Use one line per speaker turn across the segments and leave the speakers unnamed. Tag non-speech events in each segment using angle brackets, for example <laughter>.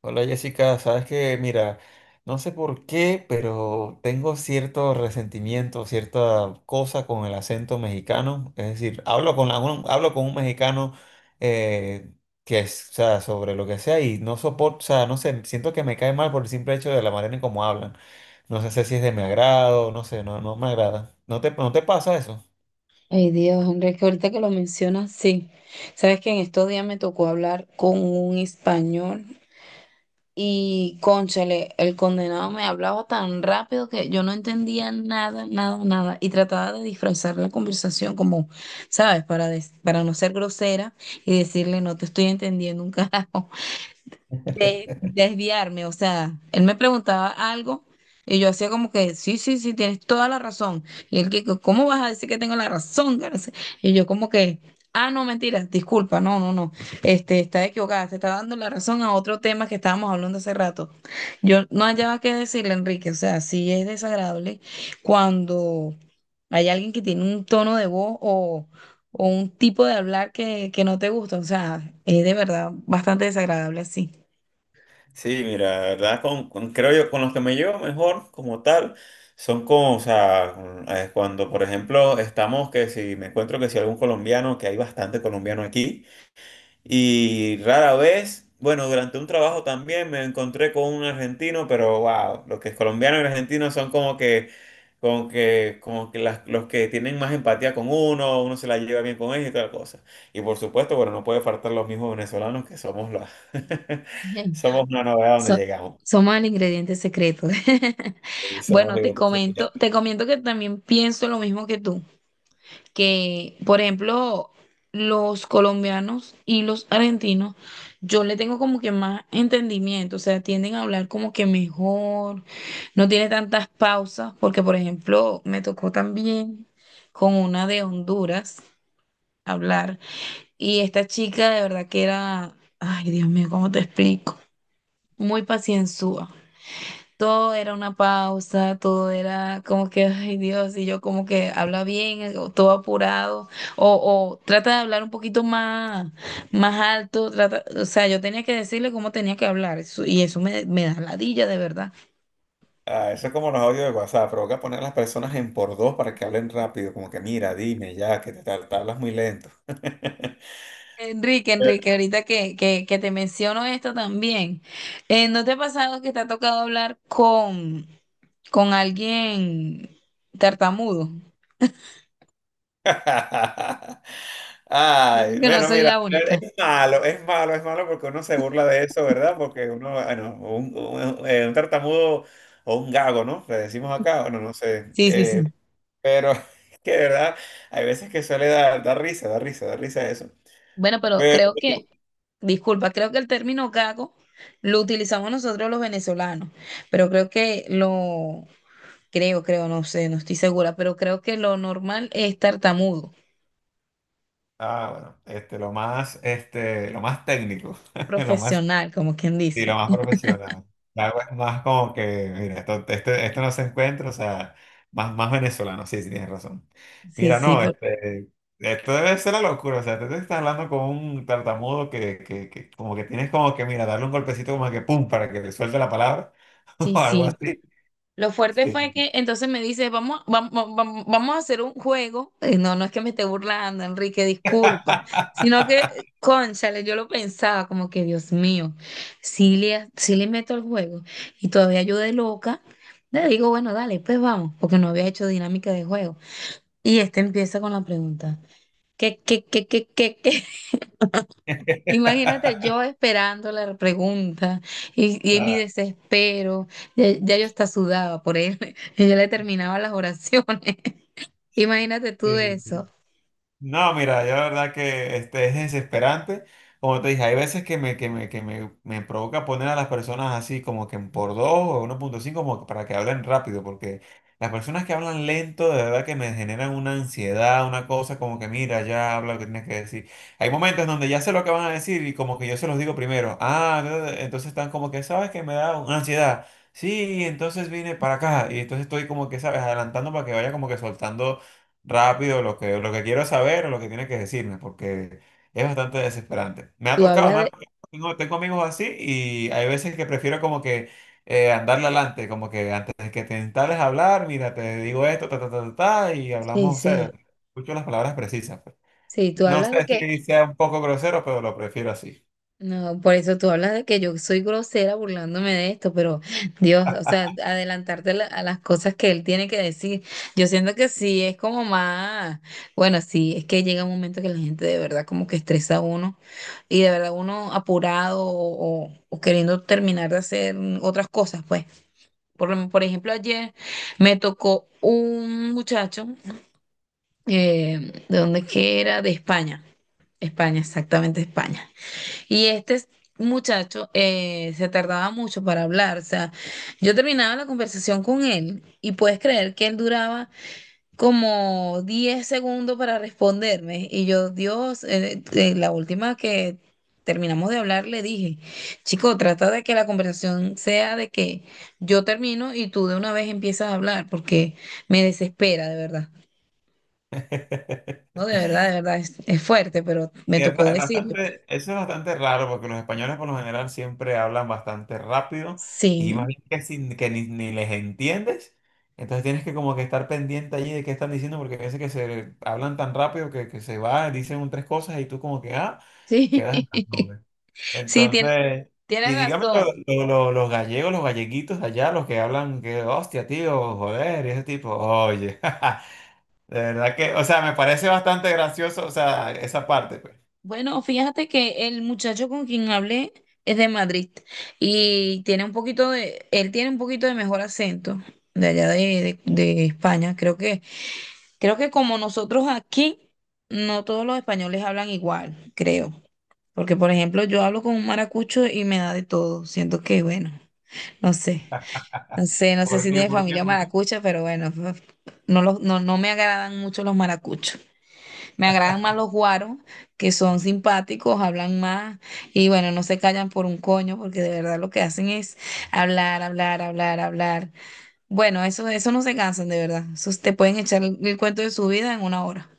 Hola Jessica, sabes que, mira, no sé por qué, pero tengo cierto resentimiento, cierta cosa con el acento mexicano. Es decir, hablo con, hablo con un mexicano eh, que es, o sea, sobre lo que sea y no soporto, o sea, no sé, siento que me cae mal por el simple hecho de la manera en cómo hablan. No sé si es de mi agrado, no sé, no, no me agrada. ¿No te pasa eso?
Ay, Dios, Andrés, que ahorita que lo mencionas, sí. Sabes que en estos días me tocó hablar con un español y, cónchale, el condenado me hablaba tan rápido que yo no entendía nada, nada, nada. Y trataba de disfrazar la conversación como, ¿sabes? Para, para no ser grosera y decirle, no te estoy entendiendo un <laughs> carajo de desviarme. O sea, él me preguntaba algo y yo hacía como que, sí, sí, sí, tienes toda la razón. Y él que, ¿cómo vas a decir que tengo la razón? Que no. Y yo como que, ah, no, mentira, disculpa, no, no, no. Este, está equivocada, te está dando la razón a otro tema que estábamos hablando hace rato. Yo no hallaba qué decirle, Enrique. O sea, sí es desagradable cuando hay alguien que tiene un tono de voz o un tipo de hablar que no te gusta, o sea, es de verdad bastante desagradable así.
Sí, mira, la verdad, creo yo, con los que me llevo mejor como tal, son como, o sea, cuando, por ejemplo, estamos, que si me encuentro que si algún colombiano, que hay bastante colombiano aquí, y rara vez, bueno, durante un trabajo también me encontré con un argentino, pero wow, los que es colombiano y argentinos son como que, como que, las- los que tienen más empatía con uno, uno se la lleva bien con ellos y tal cosa. Y por supuesto, bueno, no puede faltar los mismos venezolanos que somos los, <laughs>
<laughs>
somos una novedad donde
So-
llegamos.
Somos el ingrediente secreto.
Y
<laughs>
somos
Bueno, te
igual. Que-
comento, te comento que también pienso lo mismo que tú, que por ejemplo, los colombianos y los argentinos, yo le tengo como que más entendimiento, o sea, tienden a hablar como que mejor, no tiene tantas pausas, porque por ejemplo, me tocó también con una de Honduras hablar, y esta chica de verdad que era, ay Dios mío, ¿cómo te explico? Muy pacienzúa. Todo era una pausa, todo era como que, ay Dios, y yo como que habla bien, o todo apurado, o trata de hablar un poquito más, más alto, trata, o sea, yo tenía que decirle cómo tenía que hablar, y eso me da ladilla de verdad.
Ah, eso es como los audios de WhatsApp, provoca poner a las personas en por dos para que hablen rápido, como que mira, dime ya, que te hablas muy lento.
Enrique, Enrique, ahorita que te menciono esto también, ¿no te ha pasado que te ha tocado hablar con alguien tartamudo?
<laughs>
Dicen
Ay,
que no
bueno,
soy
mira,
la única.
es malo porque uno se burla de eso, ¿verdad? Porque uno, bueno, un tartamudo o un gago, ¿no? Le decimos acá, bueno, no sé.
Sí, sí, sí.
Pero <laughs> es que de verdad, hay veces que suele dar risa eso.
Bueno, pero
Pero,
creo que, disculpa, creo que el término gago lo utilizamos nosotros los venezolanos, pero creo que lo, creo, no sé, no estoy segura, pero creo que lo normal es tartamudo,
ah, bueno, lo más, lo más técnico, <laughs> lo más.
profesional, como quien
Y lo
dice.
más profesional. La agua es más como que, mira, esto, esto no se encuentra, o sea, más venezolano, sí, sí, tienes razón.
Sí,
Mira,
sí,
no, esto debe ser la locura, o sea, tú te estás hablando con un tartamudo que como que tienes como que, mira, darle un golpecito como que pum, para que le suelte la palabra, <laughs>
sí,
o algo
sí.
así.
Lo fuerte fue
Sí.
que entonces me dice, vamos, vamos, vamos, vamos a hacer un juego. No, no es que me esté burlando, Enrique, disculpa. Sino que,
<laughs>
cónchale, yo lo pensaba como que, Dios mío, si le, sí le meto el juego. Y todavía yo de loca, le digo, bueno, dale, pues vamos, porque no había hecho dinámica de juego. Y este empieza con la pregunta, ¿qué, qué, qué, qué, qué, qué? Imagínate yo esperando la pregunta y mi
Ah,
desespero, ya, ya yo hasta sudaba por él, <laughs> y yo le terminaba las oraciones. <laughs> Imagínate tú
sí, sí.
eso,
No, mira, yo la verdad que este, es desesperante. Como te dije, hay veces que me provoca poner a las personas así como que en por dos o uno punto cinco como que para que hablen rápido, porque las personas que hablan lento de verdad que me generan una ansiedad, una cosa como que mira, ya habla lo que tienes que decir. Hay momentos donde ya sé lo que van a decir y como que yo se los digo primero. Ah, da, da, entonces están como que, ¿sabes que me da una ansiedad? Sí, entonces vine para acá y entonces estoy como que, ¿sabes? Adelantando para que vaya como que soltando rápido lo que quiero saber o lo que tiene que decirme, porque es bastante desesperante.
tú hablas
Me ha
de,
tocado, tengo amigos así y hay veces que prefiero como que andarle adelante, como que antes de que te instales a hablar, mira, te digo esto, ta, ta, ta, ta, ta, y
sí,
hablamos, o sea,
sí,
escucho las palabras precisas pues.
sí, tú
No
hablas de
sé
que.
si sea un poco grosero, pero lo prefiero así.
No, por eso tú hablas de que yo soy grosera burlándome de esto, pero Dios, o sea, adelantarte a las cosas que él tiene que decir. Yo siento que sí, es como más, bueno, sí, es que llega un momento que la gente de verdad como que estresa a uno y de verdad uno apurado o queriendo terminar de hacer otras cosas, pues. Por ejemplo, ayer me tocó un muchacho, ¿de dónde es que era? De España, España, exactamente España. Y este muchacho se tardaba mucho para hablar. O sea, yo terminaba la conversación con él y puedes creer que él duraba como 10 segundos para responderme. Y yo, Dios, la última que terminamos de hablar le dije, chico, trata de que la conversación sea de que yo termino y tú de una vez empiezas a hablar porque me desespera, de verdad.
<laughs>
No, de verdad, es fuerte, pero me
Y
tocó
es
decirle, pues.
bastante, eso es bastante raro porque los españoles por lo general siempre hablan bastante rápido y más
Sí,
bien que, sin, que ni, ni les entiendes. Entonces tienes que como que estar pendiente allí de qué están diciendo porque a veces que se hablan tan rápido que se va, dicen un, tres cosas y tú como que, ah,
sí.
quedas en las
<laughs>
nubes.
Sí, tiene
Entonces, y
Tienes
dígame
razón.
los gallegos, los galleguitos de allá, los que hablan que, hostia, tío, joder, y ese tipo, oye, <laughs> de verdad que, o sea, me parece bastante gracioso, o sea, esa parte pues.
Bueno, fíjate que el muchacho con quien hablé es de Madrid y tiene un poquito de, él tiene un poquito de mejor acento de allá de, de España. Creo que como nosotros aquí, no todos los españoles hablan igual, creo. Porque, por ejemplo, yo hablo con un maracucho y me da de todo. Siento que, bueno, no sé, no sé
¿Por
si
qué?
tiene
¿Por qué?
familia
¿Por qué?
maracucha, pero bueno, no, me agradan mucho los maracuchos. Me agradan más los guaros, que son simpáticos, hablan más y bueno, no se callan por un coño, porque de verdad lo que hacen es hablar, hablar, hablar, hablar. Bueno, eso no se cansan de verdad. Esos te pueden echar el cuento de su vida en una hora.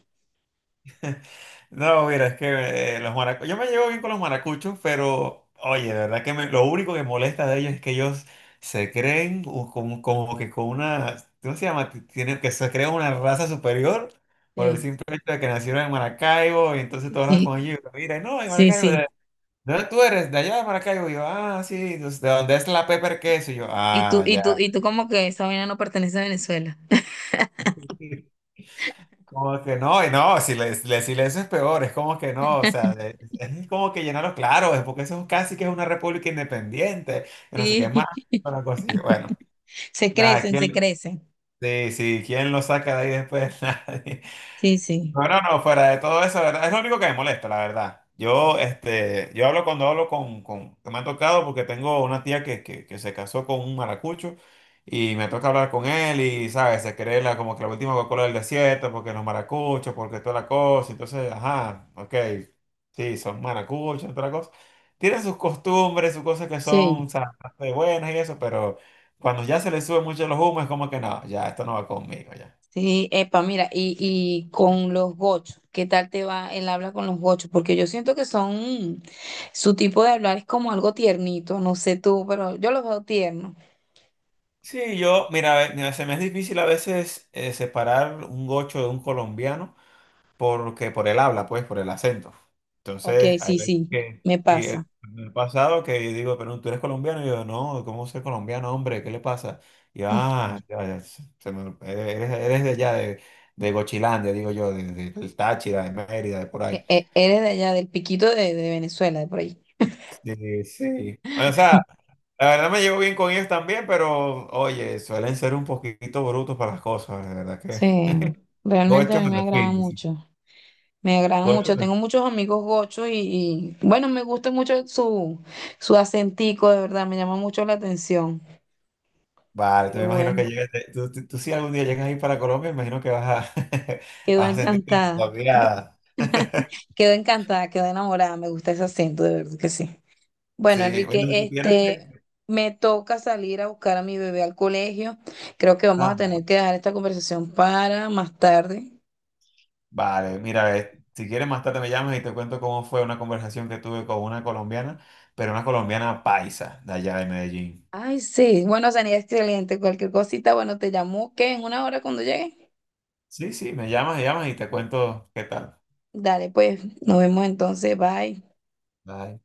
<laughs> No, mira, es que los maracuchos, yo me llevo bien con los maracuchos, pero oye, de verdad que lo único que molesta de ellos es que ellos se creen como, como que con una, ¿cómo se llama? Tienen, que se creen una raza superior por el
Sí,
simple hecho de que nacieron en Maracaibo y entonces todos hablas
y-
con ellos, y mira, no, en
sí,
Maracaibo,
sí.
¿de ¿dónde tú eres? De allá de Maracaibo, y yo, ah, sí, entonces, ¿de dónde es la pepper queso? Y yo,
Y tú,
ah,
y tú,
ya.
y tú como que esa vaina no pertenece a Venezuela.
Como que no, y no, si le- eso es peor, es como que no, o sea,
<laughs>
es como que llenarlo claro es porque eso es casi que es una república independiente, y no sé qué
Sí,
más,
<laughs>
una cosa así. Bueno,
se
nada,
crecen, se
¿quién,
crecen.
sí, sí, ¿quién lo saca de ahí después? <laughs> Nadie.
Sí, sí.
No, fuera de todo eso, ¿verdad? Es lo único que me molesta, la verdad. Yo, este, yo hablo cuando hablo con, que me ha tocado porque tengo una tía que se casó con un maracucho y me toca hablar con él y, ¿sabes? Se cree la, como que la última Coca-Cola del desierto porque los maracuchos, porque toda la cosa. Entonces, ajá, ok, sí, son maracuchos, toda la cosa. Tienen sus costumbres, sus cosas que
Sí.
son, ¿sabes? Bastante buenas y eso, pero cuando ya se les sube mucho los humos es como que no, ya, esto no va conmigo, ya.
Sí, epa, mira, y con los gochos, ¿qué tal te va el habla con los gochos? Porque yo siento que son, su tipo de hablar es como algo tiernito, no sé tú, pero yo los veo tiernos.
Sí, yo, mira, a ve- mira, se me es difícil a veces separar un gocho de un colombiano porque por el habla, pues, por el acento.
Ok,
Entonces, hay
sí,
veces
sí,
que,
me
sí, el
pasa.
me ha pasado que yo digo, pero tú eres colombiano, y yo, no, ¿cómo soy colombiano, hombre? ¿Qué le pasa? Y yo,
Mm,
ah, eres, eres de allá, de Gochilandia, digo yo, del Táchira, de Mérida, de por ahí.
eres de allá, del piquito de, Venezuela, de por ahí.
Sí, sí. O sea, la verdad me llevo bien con ellos también, pero oye, suelen ser un poquito brutos para las cosas, de verdad.
Sí, realmente a
Gochos
mí me
al
agrada
fin, dice.
mucho. Me agrada mucho.
Gochos al-
Tengo muchos amigos gochos y, bueno, me gusta mucho su acentico, de verdad, me llama mucho la atención.
Vale, te me
Pero
imagino
bueno,
que llegas, tú si algún día llegas ahí para Colombia, me imagino que vas a, <laughs>
quedo
vas a sentirte tu.
encantada. Quedó encantada, quedó enamorada, me gusta ese acento, de verdad que sí. Bueno,
Sí,
Enrique,
bueno, si supieras
este,
que...
me toca salir a buscar a mi bebé al colegio. Creo que vamos a
Ah,
tener
bueno.
que dejar esta conversación para más tarde.
Vale, mira, si quieres más tarde me llamas y te cuento cómo fue una conversación que tuve con una colombiana, pero una colombiana paisa de allá de Medellín.
Ay, sí, bueno, sería excelente. Cualquier cosita, bueno, te llamo que en una hora cuando llegue.
Sí, sí, me llamas y te cuento qué tal.
Dale, pues, nos vemos entonces, bye.
Bye.